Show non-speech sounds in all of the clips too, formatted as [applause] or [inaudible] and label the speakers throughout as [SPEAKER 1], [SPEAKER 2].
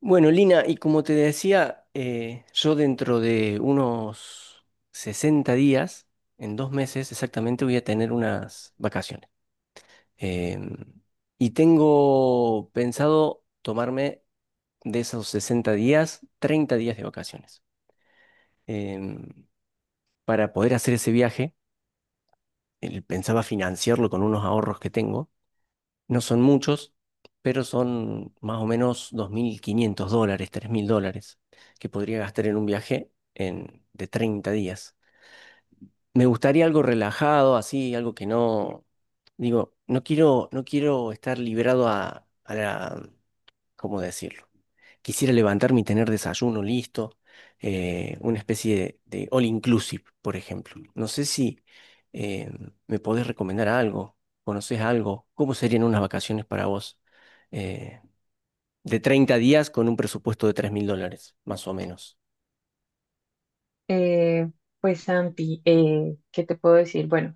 [SPEAKER 1] Bueno, Lina, y como te decía, yo dentro de unos 60 días, en 2 meses exactamente, voy a tener unas vacaciones. Em, y tengo pensado tomarme de esos 60 días, 30 días de vacaciones. Em, para poder hacer ese viaje, pensaba financiarlo con unos ahorros que tengo. No son muchos, pero son más o menos $2500, $3000 que podría gastar en un viaje de 30 días. Me gustaría algo relajado, así, algo que no, digo, no quiero estar librado a la, ¿cómo decirlo? Quisiera levantarme y tener desayuno listo, una especie de all inclusive, por ejemplo. No sé si eh, me podés recomendar algo, conoces algo, ¿cómo serían unas vacaciones para vos, eh, de 30 días con un presupuesto de $3000, más o menos?
[SPEAKER 2] Eh, pues Santi, ¿qué te puedo decir? Bueno,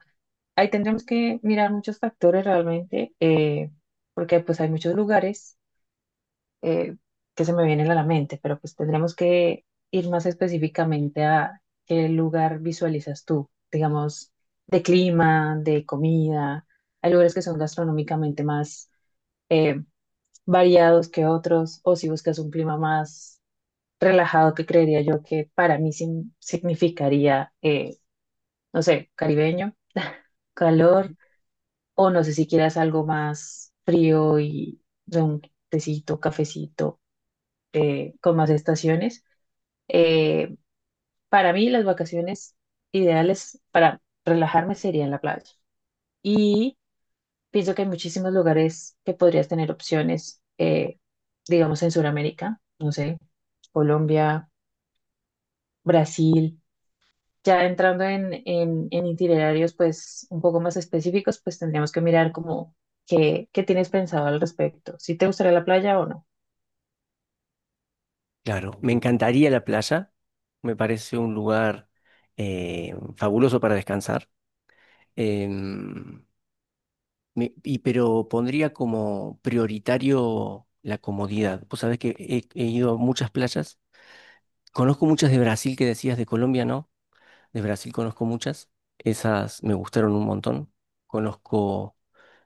[SPEAKER 2] ahí tendremos que mirar muchos factores realmente, porque pues hay muchos lugares eh, que se me vienen a la mente, pero pues tendremos que ir más específicamente a qué lugar visualizas tú, digamos, de clima, de comida. Hay lugares que son gastronómicamente más eh, variados que otros, o si buscas un clima más relajado, que creería yo que para mí significaría... no sé, caribeño, [laughs] calor, o no sé si quieras algo más frío y de un tecito, cafecito, con más estaciones. Eh, para mí las vacaciones ideales para relajarme serían la playa. Y pienso que hay muchísimos lugares que podrías tener opciones, digamos en Sudamérica, no sé, Colombia, Brasil. Ya entrando en itinerarios pues un poco más específicos, pues tendríamos que mirar como qué tienes pensado al respecto, si te gustaría la playa o no.
[SPEAKER 1] Claro, me encantaría la playa, me parece un lugar fabuloso para descansar. Em, y pero pondría como prioritario la comodidad. Vos sabés que he ido a muchas playas. Conozco muchas de Brasil que decías, de Colombia, ¿no? De Brasil conozco muchas. Esas me gustaron un montón. Conozco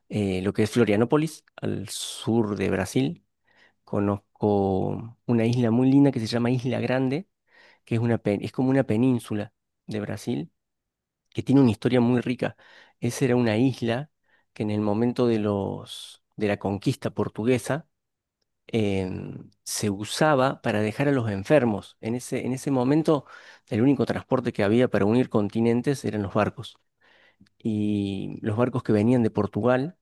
[SPEAKER 1] lo que es Florianópolis, al sur de Brasil. Conozco una isla muy linda que se llama Isla Grande, que es una es como una península de Brasil que tiene una historia muy rica. Esa era una isla que en el momento de la conquista portuguesa, se usaba para dejar a los enfermos. En ese momento el único transporte que había para unir continentes eran los barcos. Y los barcos que venían de Portugal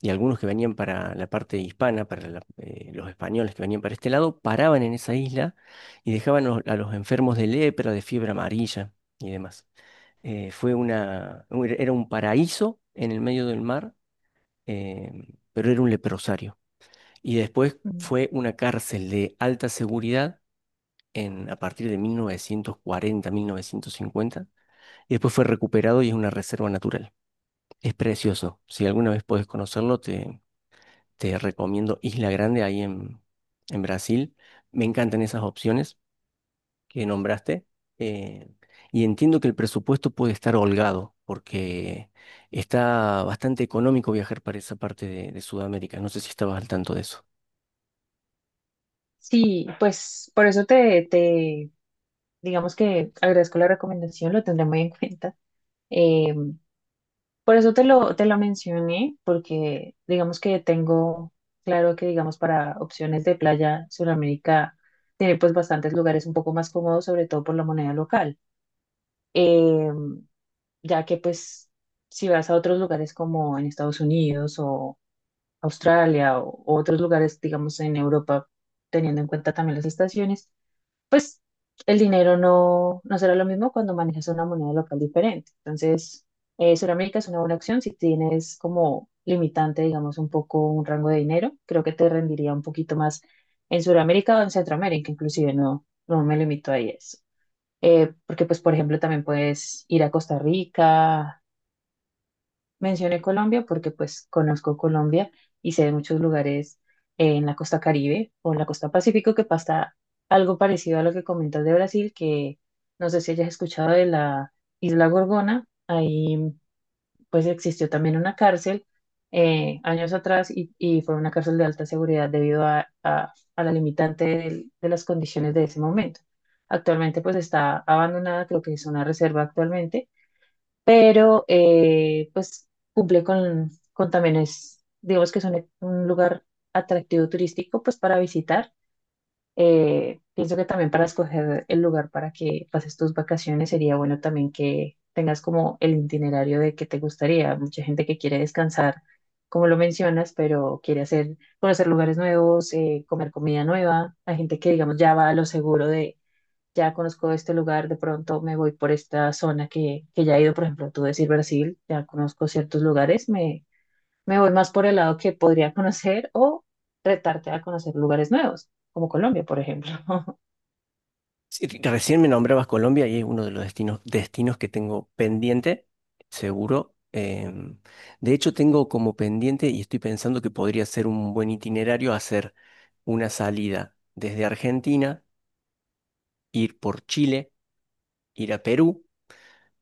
[SPEAKER 1] y algunos que venían para la parte hispana, los españoles que venían para este lado, paraban en esa isla y dejaban a los enfermos de lepra, de fiebre amarilla y demás. Eh, fue una, era un paraíso en el medio del mar, eh, pero era un leprosario. Y después
[SPEAKER 2] Mm.
[SPEAKER 1] fue una cárcel de alta seguridad a partir de 1940, 1950. Y después fue recuperado y es una reserva natural. Es precioso. Si alguna vez podés conocerlo, te recomiendo Isla Grande en Brasil. Me encantan esas opciones que nombraste. Eh, y entiendo que el presupuesto puede estar holgado, porque está bastante económico viajar para esa parte de Sudamérica. No sé si estabas al tanto de eso.
[SPEAKER 2] Sí, pues por eso te digamos que agradezco la recomendación, lo tendré muy en [laughs] cuenta. Eh, por eso te lo mencioné, porque digamos que tengo claro que digamos para opciones de playa, Sudamérica tiene pues bastantes lugares un poco más cómodos, sobre todo por la moneda local. Em, ya que pues si vas a otros lugares como en Estados Unidos o Australia o otros lugares, digamos en Europa, teniendo en cuenta también las estaciones, pues el dinero no, no será lo mismo cuando manejas una moneda local diferente. Entonces, Sudamérica es una buena opción si tienes como limitante, digamos, un poco un rango de dinero, creo que te rendiría un poquito más en Sudamérica o en Centroamérica, inclusive no, no me limito a eso. Porque, pues, por ejemplo, también puedes ir a Costa Rica, mencioné Colombia porque pues conozco Colombia y sé de muchos lugares en la costa Caribe o en la costa Pacífico que pasa algo parecido a lo que comentas de Brasil, que no sé si hayas escuchado de la Isla Gorgona, ahí pues existió también una cárcel años atrás y fue una cárcel de alta seguridad debido a, a la limitante de las condiciones de ese momento. Actualmente pues está abandonada, creo que es una reserva actualmente, pero pues cumple con también es, digamos que es un lugar atractivo turístico pues para visitar. Pienso que también para escoger el lugar para que pases tus vacaciones sería bueno también que tengas como el itinerario de que te gustaría. Mucha gente que quiere descansar, como lo mencionas, pero quiere hacer, conocer lugares nuevos, comer comida nueva. Hay gente que digamos ya va a lo seguro, ya conozco este lugar, de pronto me voy por esta zona que ya he ido, por ejemplo, tú decir Brasil, ya conozco ciertos lugares, me voy más por el lado que podría conocer o retarte a conocer lugares nuevos, como Colombia, por ejemplo. [laughs]
[SPEAKER 1] Sí, recién me nombrabas Colombia y es uno de los destinos que tengo pendiente, seguro. De hecho, tengo como pendiente y estoy pensando que podría ser un buen itinerario hacer una salida desde Argentina, ir por Chile, ir a Perú.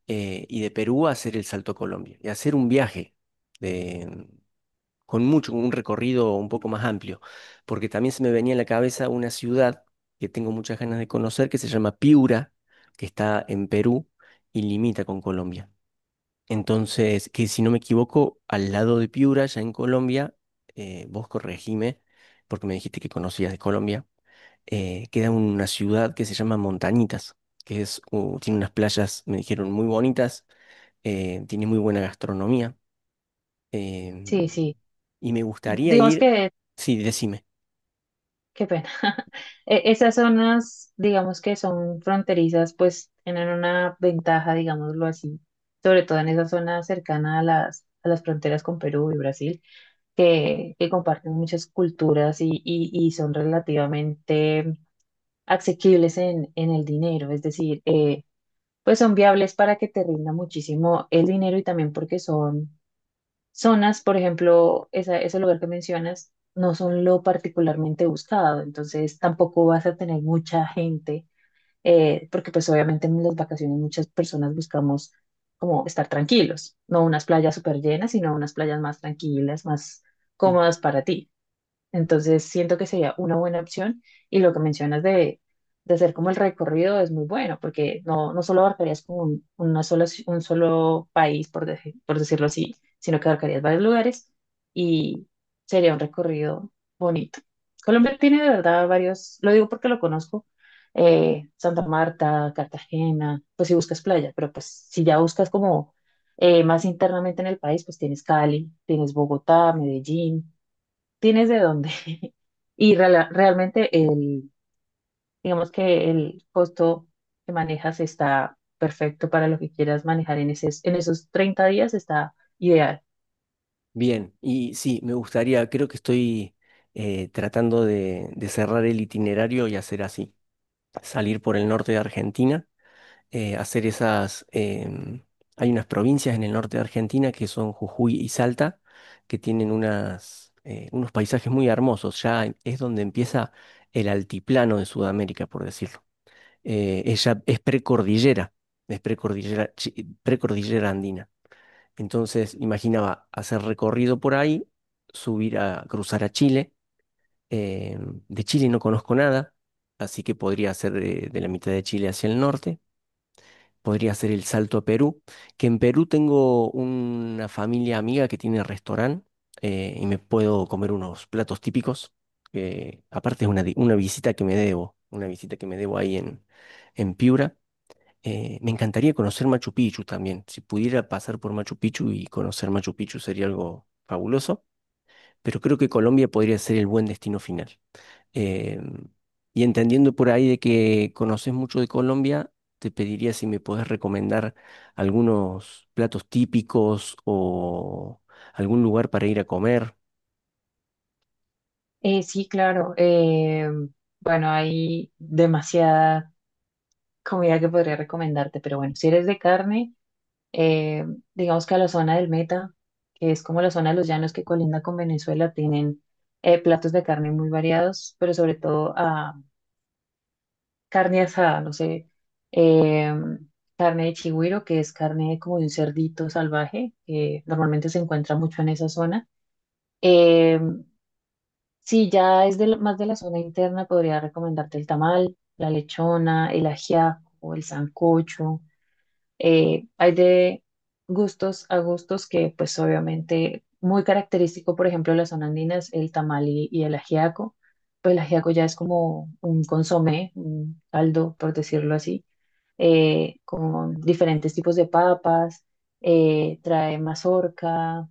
[SPEAKER 1] Y de Perú a hacer el salto a Colombia y hacer un viaje de- con mucho, un recorrido un poco más amplio, porque también se me venía en la cabeza una ciudad que tengo muchas ganas de conocer que se llama Piura, que está en Perú y limita con Colombia. Entonces, que si no me equivoco, al lado de Piura, ya en Colombia, vos corregime, porque me dijiste que conocías de Colombia, queda una ciudad que se llama Montañitas, tiene unas playas, me dijeron, muy bonitas, tiene muy buena gastronomía.
[SPEAKER 2] Sí,
[SPEAKER 1] em,
[SPEAKER 2] sí.
[SPEAKER 1] y me gustaría
[SPEAKER 2] Digamos
[SPEAKER 1] ir,
[SPEAKER 2] que,
[SPEAKER 1] sí, decime.
[SPEAKER 2] qué pena. [laughs] Esas zonas, digamos que son fronterizas, pues tienen una ventaja, digámoslo así, sobre todo en esa zona cercana a las fronteras con Perú y Brasil que comparten muchas culturas y, y son relativamente asequibles en el dinero, es decir, pues son viables para que te rinda muchísimo el dinero y también porque son zonas, por ejemplo, ese lugar que mencionas, no son lo particularmente buscado, entonces tampoco vas a tener mucha gente, porque pues obviamente en las vacaciones muchas personas buscamos como estar tranquilos, no unas playas súper llenas, sino unas playas más tranquilas, más
[SPEAKER 1] Ujú.
[SPEAKER 2] cómodas para ti. Entonces, siento que sería una buena opción y lo que mencionas de hacer como el recorrido es muy bueno porque no, no solo abarcarías como un, una sola un solo país, por, por decirlo así, sino que abarcarías varios lugares y sería un recorrido bonito. Colombia tiene de verdad varios, lo digo porque lo conozco, Santa Marta, Cartagena, pues si buscas playa, pero pues si ya buscas como más internamente en el país, pues tienes Cali, tienes Bogotá, Medellín, tienes de dónde. [laughs] Y realmente el, digamos que el costo que manejas está perfecto para lo que quieras manejar en esos 30 días, está ideal.
[SPEAKER 1] Bien, y sí, me gustaría, creo que estoy tratando de cerrar el itinerario y hacer así, salir por el norte de Argentina, eh, hacer esas, em, hay unas provincias en el norte de Argentina que son Jujuy y Salta, que tienen unas, unos paisajes muy hermosos, ya es donde empieza el altiplano de Sudamérica, por decirlo. Ella es precordillera, precordillera andina. Entonces imaginaba hacer recorrido por ahí, subir a cruzar a Chile. eh, de Chile no conozco nada, así que podría hacer de la mitad de Chile hacia el norte. Podría hacer el salto a Perú, que en Perú tengo una familia amiga que tiene restaurante, y me puedo comer unos platos típicos. Que aparte es una, una visita que me debo, una visita que me debo en Piura. Me encantaría conocer Machu Picchu también. Si pudiera pasar por Machu Picchu y conocer Machu Picchu sería algo fabuloso, pero creo que Colombia podría ser el buen destino final. Eh, y entendiendo por ahí de que conoces mucho de Colombia, te pediría si me podés recomendar algunos platos típicos o algún lugar para ir a comer.
[SPEAKER 2] Sí, claro. Bueno, hay demasiada comida que podría recomendarte, pero bueno, si eres de carne, eh, digamos que a la zona del Meta, que es como la zona de los llanos que colinda con Venezuela, tienen platos de carne muy variados, pero sobre todo carne asada, no sé, eh, carne de chigüiro, que es carne como de un cerdito salvaje, que normalmente se encuentra mucho en esa zona. Eh, si ya es de más de la zona interna, podría recomendarte el tamal, la lechona, el ajiaco, el sancocho. Hay de gustos a gustos que, pues obviamente, muy característico, por ejemplo, de la zona andina es el tamal y el ajiaco. Pues el ajiaco ya es como un consomé, un caldo, por decirlo así, con diferentes tipos de papas, trae mazorca,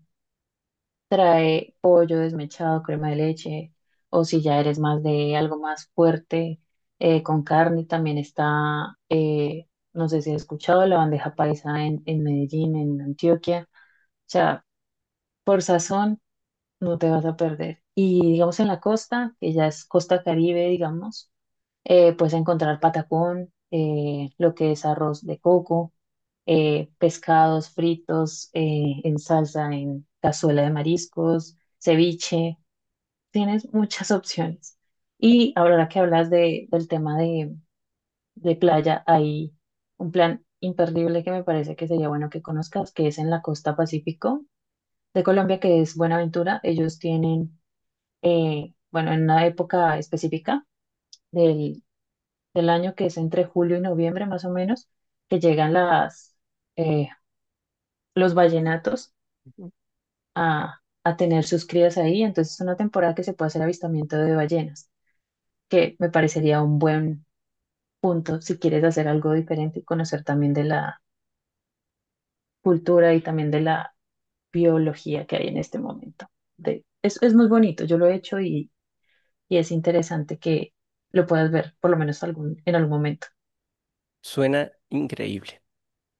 [SPEAKER 2] trae pollo desmechado, crema de leche, o si ya eres más de algo más fuerte, con carne también está, no sé si has escuchado, la bandeja paisa en Medellín, en Antioquia, o sea, por sazón no te vas a perder. Y digamos en la costa, que ya es costa Caribe, digamos, puedes encontrar patacón, lo que es arroz de coco, pescados fritos, en salsa, en cazuela de mariscos, ceviche. Tienes muchas [laughs] opciones. Y ahora que hablas de, del tema de playa, hay un plan imperdible que me parece que sería bueno que conozcas, que es en la costa Pacífico de Colombia, que es Buenaventura. Ellos tienen, bueno, en una época específica del, del año, que es entre julio y noviembre más o menos, que llegan las, eh, los vallenatos a tener sus crías ahí. Entonces es una temporada que se puede hacer avistamiento de ballenas, que me parecería un buen punto si quieres hacer algo diferente y conocer también de la cultura y también de la biología que hay en este momento. De, es muy bonito, yo lo he hecho y es interesante que lo puedas ver, por lo menos algún, en algún momento.
[SPEAKER 1] Suena increíble.